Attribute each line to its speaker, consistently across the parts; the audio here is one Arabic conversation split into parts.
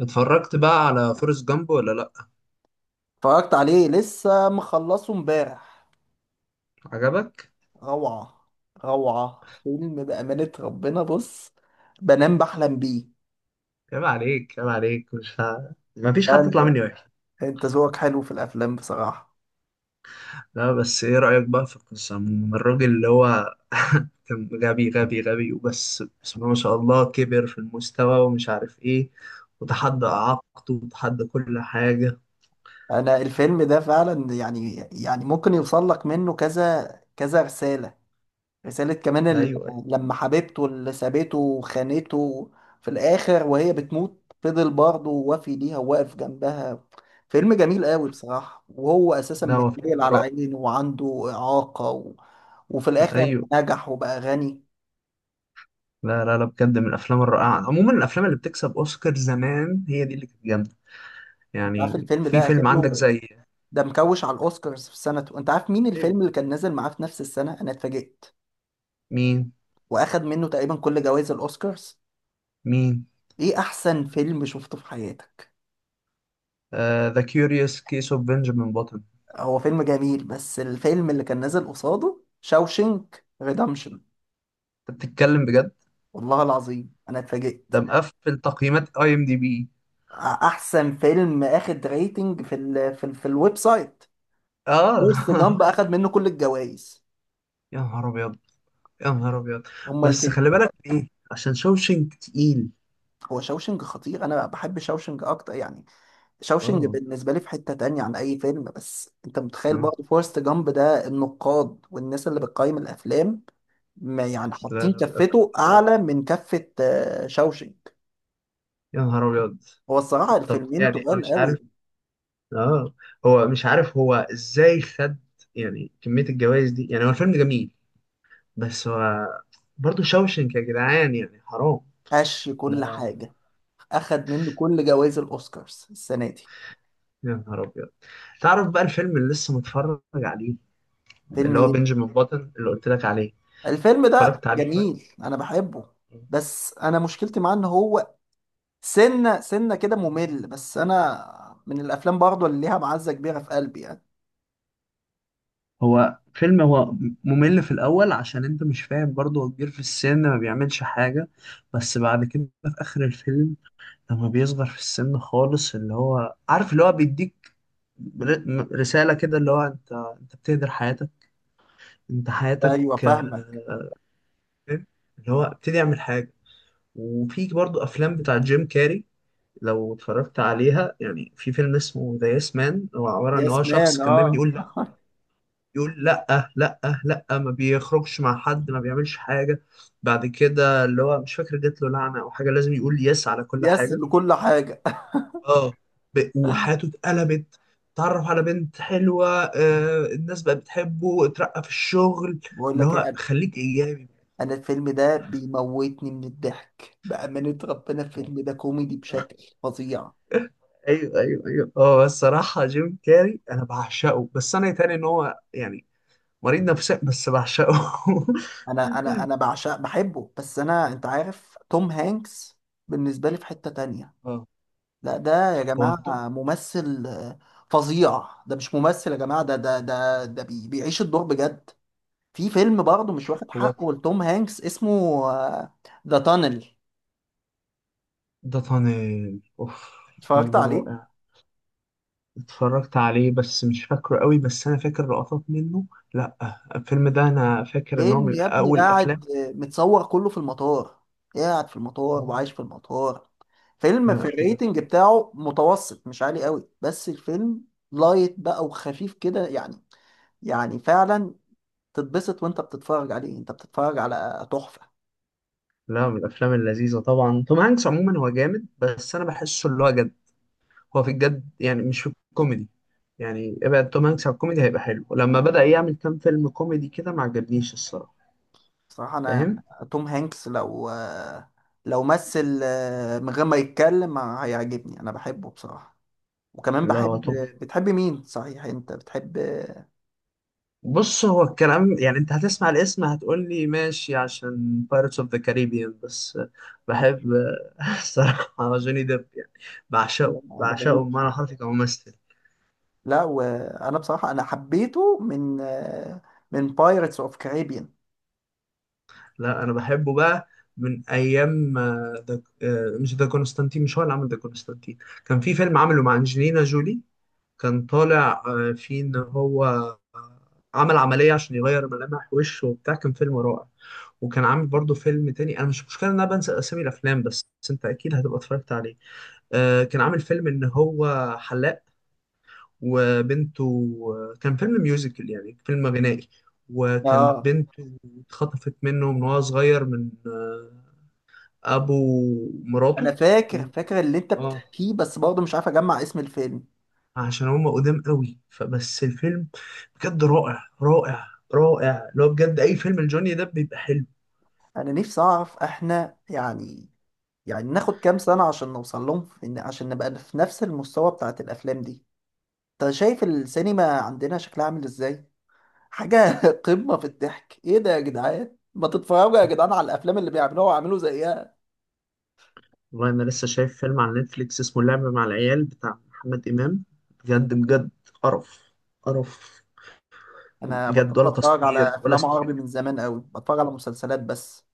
Speaker 1: اتفرجت بقى على فورست جامب ولا لا؟
Speaker 2: اتفرجت عليه، لسه مخلصه امبارح.
Speaker 1: عجبك؟
Speaker 2: روعة. روعة فيلم، بأمانة ربنا. بص، بنام بحلم بيه.
Speaker 1: عيب عليك، عيب عليك، مش ها... ما فيش
Speaker 2: لا
Speaker 1: حد
Speaker 2: انت،
Speaker 1: يطلع مني وحش.
Speaker 2: انت ذوقك حلو في الافلام بصراحة.
Speaker 1: لا، بس ايه رأيك بقى في القصة من الراجل اللي هو كان غبي غبي غبي وبس، بسم الله ما شاء الله كبر في المستوى ومش عارف ايه. وتحدى إعاقته وتحدى كل حاجة.
Speaker 2: انا الفيلم ده فعلا يعني ممكن يوصل لك منه كذا كذا رسالة رسالة كمان
Speaker 1: ايوه، ايوه.
Speaker 2: لما حبيبته اللي سابته وخانته في الآخر وهي بتموت، فضل برضه وافي ليها وواقف جنبها. فيلم جميل قوي بصراحة، وهو أساسا
Speaker 1: لا، هو
Speaker 2: متنيل
Speaker 1: فيلم
Speaker 2: على
Speaker 1: رائع.
Speaker 2: عينه وعنده إعاقة وفي الآخر
Speaker 1: ايوه.
Speaker 2: نجح وبقى غني.
Speaker 1: لا، لا، لا، بجد من الافلام الرائعة. عموما الافلام اللي بتكسب اوسكار زمان هي دي اللي كانت جامدة.
Speaker 2: أنت عارف
Speaker 1: يعني
Speaker 2: الفيلم
Speaker 1: في
Speaker 2: ده أخد
Speaker 1: فيلم عندك
Speaker 2: له،
Speaker 1: زي.
Speaker 2: ده مكوش على الأوسكارز في سنته؟ أنت عارف مين
Speaker 1: ايوه.
Speaker 2: الفيلم اللي كان نازل معاه في نفس السنة؟ أنا اتفاجئت.
Speaker 1: مين؟
Speaker 2: وأخد منه تقريبا كل جوائز الأوسكارز.
Speaker 1: مين؟
Speaker 2: إيه أحسن فيلم شفته في حياتك؟
Speaker 1: ذا كيوريوس كيس اوف بنجامين باتون.
Speaker 2: هو فيلم جميل، بس الفيلم اللي كان نازل قصاده شاوشنك ريدمشن.
Speaker 1: انت بتتكلم بجد؟
Speaker 2: والله العظيم انا اتفاجئت.
Speaker 1: ده مقفل تقييمات IMDB.
Speaker 2: احسن فيلم اخد ريتنج في ال في الويب سايت
Speaker 1: اه.
Speaker 2: فورست جامب، اخد منه كل الجوائز.
Speaker 1: يا نهار ابيض. يا نهار ابيض.
Speaker 2: هما
Speaker 1: بس
Speaker 2: الفيلم.
Speaker 1: خلي بالك ايه؟ عشان شوشنك تقيل.
Speaker 2: هو شاوشنج خطير، انا بحب شاوشنج اكتر يعني. شاوشنج
Speaker 1: اه.
Speaker 2: بالنسبه لي في حته تانية عن اي فيلم، بس انت متخيل
Speaker 1: آه.
Speaker 2: برضه فورست جامب ده النقاد والناس اللي بتقيم الافلام ما يعني
Speaker 1: لا،
Speaker 2: حاطين
Speaker 1: لا،
Speaker 2: كفته
Speaker 1: آه.
Speaker 2: اعلى من كفه شاوشنج.
Speaker 1: يا نهار ابيض.
Speaker 2: هو الصراحة
Speaker 1: طب،
Speaker 2: الفيلمين
Speaker 1: يعني انا
Speaker 2: تقال
Speaker 1: مش
Speaker 2: قوي.
Speaker 1: عارف. اه. هو مش عارف هو ازاي خد. يعني كمية الجوائز دي. يعني هو الفيلم جميل. بس هو. برضه شوشنك يا جدعان يعني حرام.
Speaker 2: قش كل حاجة، أخد منه كل جوائز الأوسكارز السنة دي.
Speaker 1: يا نهار ابيض. تعرف بقى الفيلم اللي لسه متفرج عليه؟
Speaker 2: فيلم
Speaker 1: اللي هو
Speaker 2: إيه؟
Speaker 1: بنجامين باتن، اللي قلت لك عليه.
Speaker 2: الفيلم ده
Speaker 1: اتفرجت عليه قريب.
Speaker 2: جميل، أنا بحبه. بس أنا مشكلتي معاه إن هو سنة سنة كده ممل، بس أنا من الأفلام برضه اللي ليها معزة كبيرة في قلبي يعني.
Speaker 1: هو فيلم، هو. ممل في الأول عشان أنت مش فاهم، برضه هو كبير في السن ما بيعملش حاجة. بس بعد كده في آخر الفيلم. لما بيصغر في السن خالص اللي هو عارف، اللي هو بيديك رسالة كده، اللي هو أنت بتهدر حياتك. أنت حياتك
Speaker 2: أيوه،
Speaker 1: آه،
Speaker 2: فاهمك.
Speaker 1: اللي هو ابتدي اعمل حاجة. وفي برضو أفلام بتاع جيم كاري. لو اتفرجت عليها يعني في فيلم اسمه ذا يس مان. هو عبارة عن إن هو
Speaker 2: يس
Speaker 1: شخص
Speaker 2: مان،
Speaker 1: كان دايما
Speaker 2: أه.
Speaker 1: يقول لأ. يقول لا، لا، لا، ما بيخرجش مع حد ما بيعملش حاجة. بعد كده اللي هو مش فاكر جات له لعنة أو حاجة، لازم يقول يس على كل
Speaker 2: يس
Speaker 1: حاجة.
Speaker 2: لكل حاجة.
Speaker 1: اه. وحياته اتقلبت. اتعرف على بنت حلوة، الناس بقت بتحبه، اترقى في الشغل.
Speaker 2: بقول
Speaker 1: اللي
Speaker 2: لك إيه يا
Speaker 1: هو
Speaker 2: قلبي،
Speaker 1: خليك إيجابي.
Speaker 2: أنا الفيلم ده بيموتني من الضحك بأمانة ربنا. الفيلم ده كوميدي بشكل فظيع.
Speaker 1: ايوه، ايوه، ايوه. هو الصراحة جيم كاري أنا بعشقه، بس أنا يتهيألي إن هو يعني مريض نفسي بس بعشقه.
Speaker 2: انا بعشق بحبه، بس انا انت عارف توم هانكس بالنسبه لي في حته تانية.
Speaker 1: اه،
Speaker 2: لا ده يا
Speaker 1: هو
Speaker 2: جماعه
Speaker 1: توب.
Speaker 2: ممثل فظيع. ده مش ممثل يا جماعه، ده ده ده ده بي بيعيش الدور بجد. في فيلم برضه مش واخد
Speaker 1: هو.
Speaker 2: حقه لتوم هانكس اسمه ذا تانل،
Speaker 1: ده طنيل اوف. الفيلم
Speaker 2: اتفرجت
Speaker 1: ده
Speaker 2: عليه؟
Speaker 1: رائع. اتفرجت عليه بس مش فاكره قوي، بس انا فاكر لقطات منه. لا، الفيلم ده انا فاكر ان هو
Speaker 2: فيلم
Speaker 1: من
Speaker 2: يا ابني
Speaker 1: اول الافلام.
Speaker 2: قاعد متصور كله في المطار. قاعد في المطار
Speaker 1: آه.
Speaker 2: وعايش في المطار. فيلم في
Speaker 1: لا،
Speaker 2: الريتنج بتاعه متوسط، مش عالي قوي، بس الفيلم لايت بقى وخفيف كده يعني. يعني فعلا تتبسط وانت بتتفرج عليه، انت بتتفرج على تحفة.
Speaker 1: لا، من الافلام اللذيذه. طبعا توم هانكس عموما هو جامد، بس انا بحسه اللي هو جد. هو في الجد يعني، مش في الكوميدي. يعني ابعد توم هانكس عن الكوميدي هيبقى حلو. لما بدأ يعمل كام فيلم كوميدي كده ما عجبنيش الصراحه.
Speaker 2: صراحة انا
Speaker 1: فاهم؟
Speaker 2: توم هانكس لو مثل من غير ما يتكلم هيعجبني، انا بحبه بصراحة. وكمان
Speaker 1: لا، هو
Speaker 2: بحب،
Speaker 1: توم.
Speaker 2: بتحب مين صحيح انت بتحب؟
Speaker 1: بص، هو الكلام يعني انت هتسمع الاسم هتقول لي ماشي عشان Pirates of the Caribbean، بس بحب الصراحة جوني ديب يعني. بعشقه،
Speaker 2: انا
Speaker 1: بعشقه،
Speaker 2: بموت
Speaker 1: بمعنى
Speaker 2: فيه.
Speaker 1: حرفي كممثل.
Speaker 2: لا وانا بصراحة انا حبيته من بايرتس اوف كاريبيان.
Speaker 1: لا، انا بحبه بقى. من ايام ده، مش ده كونستانتين؟ مش هو اللي عمل ده كونستانتين. كان في فيلم عمله مع انجلينا جولي. كان طالع فيه ان هو آه، عمل عملية عشان يغير ملامح وشه وبتاع. كان فيلم رائع. وكان عامل برضه فيلم تاني. انا مش مشكلة ان انا بنسى اسامي الافلام، بس انت اكيد هتبقى اتفرجت عليه. كان عامل فيلم ان هو حلاق، وبنته. كان فيلم ميوزيكال يعني فيلم غنائي. وكان
Speaker 2: اه،
Speaker 1: بنته اتخطفت منه من وهو صغير من ابو مراته.
Speaker 2: انا
Speaker 1: و-
Speaker 2: فاكر اللي انت
Speaker 1: اه،
Speaker 2: بتحكيه، بس برضه مش عارف اجمع اسم الفيلم.
Speaker 1: عشان هم قدام قوي فبس الفيلم بجد رائع، رائع، رائع. لو بجد اي فيلم لجوني ده بيبقى حلو.
Speaker 2: انا نفسي اعرف، احنا يعني ناخد كام سنة عشان نوصل لهم في إن عشان نبقى في نفس المستوى بتاعت الأفلام دي؟ أنت شايف السينما عندنا شكلها عامل إزاي؟ حاجة قمة في الضحك. إيه ده يا جدعان؟ ما تتفرجوا يا جدعان على الأفلام اللي بيعملوها وعملوا زيها.
Speaker 1: والله انا لسه شايف فيلم على نتفليكس اسمه اللعب مع العيال بتاع محمد امام. بجد بجد. قرف. قرف.
Speaker 2: أنا
Speaker 1: بجد،
Speaker 2: بطلت
Speaker 1: ولا
Speaker 2: أتفرج
Speaker 1: تصوير
Speaker 2: على
Speaker 1: ولا
Speaker 2: أفلام
Speaker 1: سي جي
Speaker 2: عربي
Speaker 1: آي
Speaker 2: من زمان أوي، بتفرج على مسلسلات بس.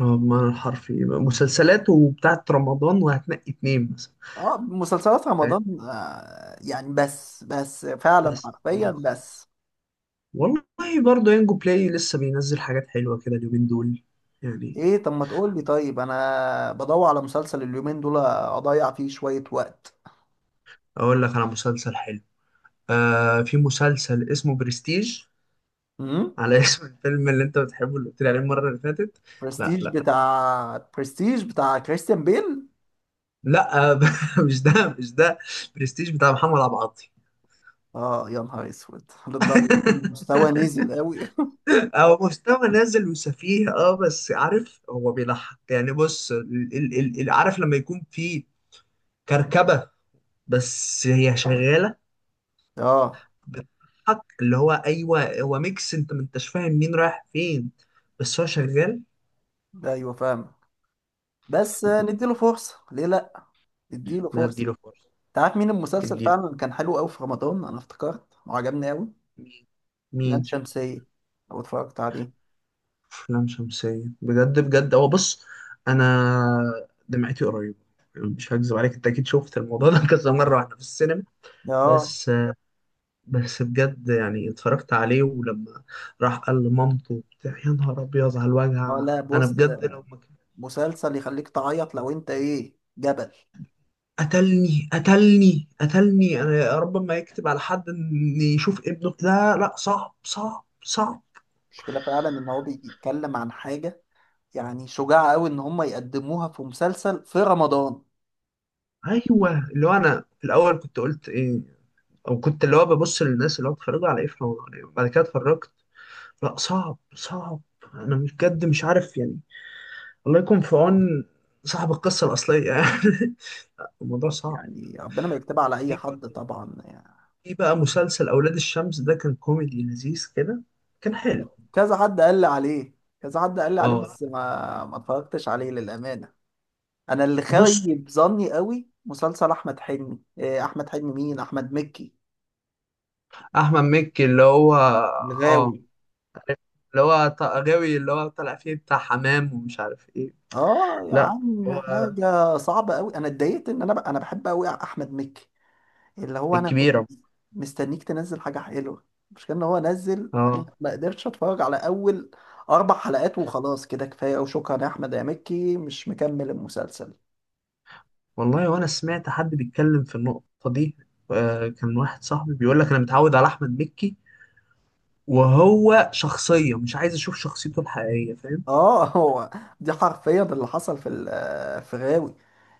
Speaker 1: اه، بمعنى الحرفي مسلسلات وبتاعت رمضان وهتنقي اتنين مثلا.
Speaker 2: أه مسلسلات
Speaker 1: فاهم؟
Speaker 2: رمضان يعني، بس فعلا
Speaker 1: بس
Speaker 2: حرفيا
Speaker 1: خلاص.
Speaker 2: بس.
Speaker 1: والله. برضه ينجو بلاي لسه بينزل حاجات حلوة كده اليومين دول. يعني.
Speaker 2: إيه، طب ما تقول لي طيب. أنا بدور على مسلسل اليومين دول أضيع فيه شوية وقت.
Speaker 1: اقول لك على مسلسل حلو. آه، في مسلسل اسمه برستيج. على اسم الفيلم اللي انت بتحبه اللي قلت لي عليه المره اللي فاتت. لا،
Speaker 2: برستيج؟
Speaker 1: لا.
Speaker 2: بتاع برستيج بتاع كريستيان بيل؟
Speaker 1: لا، آه، مش ده، مش ده. برستيج بتاع محمد عبد العاطي.
Speaker 2: اه يا نهار اسود، للدرجه دي المستوى نزل قوي!
Speaker 1: هو مستوى نازل وسفيه، اه بس عارف هو بيضحك يعني. بص، عارف لما يكون في كركبة، بس هي شغالة
Speaker 2: اه،
Speaker 1: بتضحك. اللي هو ايوه، هو ميكس انت ما انتش فاهم مين رايح فين، بس هو شغال.
Speaker 2: ايوه فاهم. بس نديله فرصه، ليه لا، نديله
Speaker 1: لا،
Speaker 2: فرصه.
Speaker 1: اديله فرصة.
Speaker 2: انت عارف مين المسلسل
Speaker 1: اديله.
Speaker 2: فعلا كان حلو قوي في رمضان؟ انا افتكرت وعجبني قوي. لام
Speaker 1: مين؟
Speaker 2: شمسيه، لو اتفرجت عليه.
Speaker 1: أفلام شمسية. بجد بجد هو. بص، أنا دمعتي قريبة. يعني مش هكذب عليك، أنت أكيد شفت الموضوع ده كذا مرة وإحنا في السينما.
Speaker 2: اه.
Speaker 1: بس. بس بجد يعني اتفرجت عليه، ولما راح قال لمامته وبتاع، يا نهار أبيض على الوجع.
Speaker 2: اه، لا
Speaker 1: أنا
Speaker 2: بص،
Speaker 1: بجد لو ما
Speaker 2: مسلسل يخليك تعيط لو انت ايه، جبل.
Speaker 1: قتلني، قتلني، قتلني. أنا يا رب ما يكتب على حد إن يشوف ابنه. لا، لا، صعب، صعب، صعب.
Speaker 2: المشكله فعلا ان هو بيتكلم عن حاجه، يعني شجاعة قوي ان هم يقدموها في مسلسل في رمضان.
Speaker 1: أيوه، اللي هو أنا في الأول كنت قلت إيه، وكنت اللي هو ببص للناس اللي هو اتخرجوا على ايه في رمضان يعني. بعد كده اتفرجت. لا، صعب، صعب. انا بجد مش عارف يعني. الله يكون في عون صاحب القصة الأصلية يعني. الموضوع صعب.
Speaker 2: يعني ربنا ما يكتبها على اي
Speaker 1: في
Speaker 2: حد
Speaker 1: برضه-
Speaker 2: طبعا يعني.
Speaker 1: في بقى مسلسل أولاد الشمس، ده كان كوميدي لذيذ كده. كان حلو.
Speaker 2: كذا حد قال لي عليه. كذا حد قال لي عليه
Speaker 1: اه،
Speaker 2: بس ما اتفرجتش عليه للامانه. انا اللي
Speaker 1: بص.
Speaker 2: خايب ظني قوي مسلسل احمد حلمي، إيه، احمد حلمي مين، احمد مكي،
Speaker 1: أحمد مكي اللي هو اه،
Speaker 2: الغاوي.
Speaker 1: اللي هو غاوي، اللي هو طالع فيه بتاع حمام ومش عارف ايه.
Speaker 2: اه يا
Speaker 1: لا.
Speaker 2: عم،
Speaker 1: هو
Speaker 2: حاجه صعبه قوي. انا اتضايقت ان انا انا بحب قوي احمد مكي. اللي هو انا كنت
Speaker 1: الكبيرة.
Speaker 2: مستنيك تنزل حاجه حلوه. مش كان هو نزل؟ انا
Speaker 1: اه.
Speaker 2: ما قدرتش اتفرج على اول 4 حلقات، وخلاص كده كفايه وشكرا يا احمد يا مكي، مش مكمل المسلسل.
Speaker 1: والله وانا سمعت حد بيتكلم في النقطة دي. كان واحد صاحبي بيقول لك انا متعود على احمد مكي، وهو شخصية مش عايز اشوف شخصيته الحقيقية. فاهم؟
Speaker 2: اه هو دي حرفيا اللي حصل في في غاوي،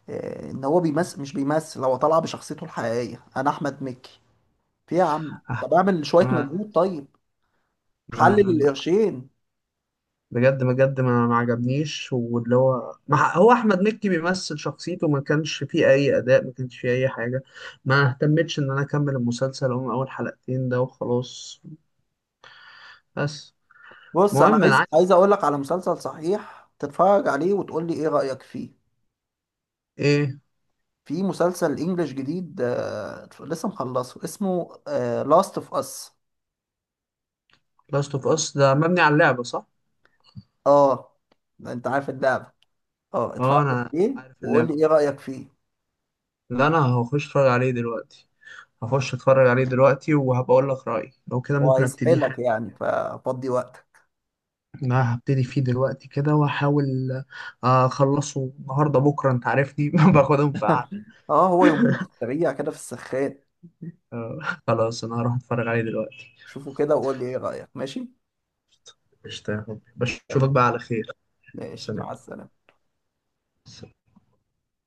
Speaker 2: ان هو بيمثل، مش بيمثل، هو طالع بشخصيته الحقيقيه انا احمد مكي. في يا عم
Speaker 1: آه،
Speaker 2: طب اعمل شويه
Speaker 1: ما
Speaker 2: مجهود طيب،
Speaker 1: ما
Speaker 2: حلل
Speaker 1: ما-
Speaker 2: القرشين.
Speaker 1: بجد بجد، ما عجبنيش، واللي هو ما ح- هو احمد مكي بيمثل شخصيته. ما كانش فيه اي اداء، ما كانش فيه اي حاجة. ما اهتمتش ان انا اكمل المسلسل، هم اول حلقتين ده وخلاص. بس.
Speaker 2: بص، انا
Speaker 1: المهم انا
Speaker 2: عايز
Speaker 1: عايز
Speaker 2: اقول لك على مسلسل صحيح، تتفرج عليه وتقول لي ايه رايك فيه.
Speaker 1: ايه؟
Speaker 2: في مسلسل انجليش جديد لسه مخلصه اسمه لاست اوف اس.
Speaker 1: لاست اوف اس ده مبني على اللعبة صح؟
Speaker 2: اه، ده انت عارف اللعبه. اه،
Speaker 1: اه،
Speaker 2: اتفرج
Speaker 1: انا
Speaker 2: عليه
Speaker 1: عارف
Speaker 2: وقول لي ايه
Speaker 1: اللعبة.
Speaker 2: رايك فيه.
Speaker 1: لا، انا هخش اتفرج عليه دلوقتي. هخش اتفرج عليه دلوقتي وهبقى اقول لك رأيي. لو كده ممكن ابتدي
Speaker 2: وهيسحلك
Speaker 1: حاجة.
Speaker 2: يعني، ففضي وقتك.
Speaker 1: انا هبتدي فيه دلوقتي كده واحاول. اخلصه النهارده بكره. انت عارفني باخدهم في قعده.
Speaker 2: اه هو يومين في السريع كده في السخان.
Speaker 1: آه، خلاص انا هروح اتفرج عليه دلوقتي.
Speaker 2: شوفه كده وقول لي ايه رايك، ماشي؟
Speaker 1: قشطة يا حبيبي،
Speaker 2: سلام،
Speaker 1: بشوفك بقى على خير.
Speaker 2: ماشي،
Speaker 1: سلام.
Speaker 2: مع السلامه.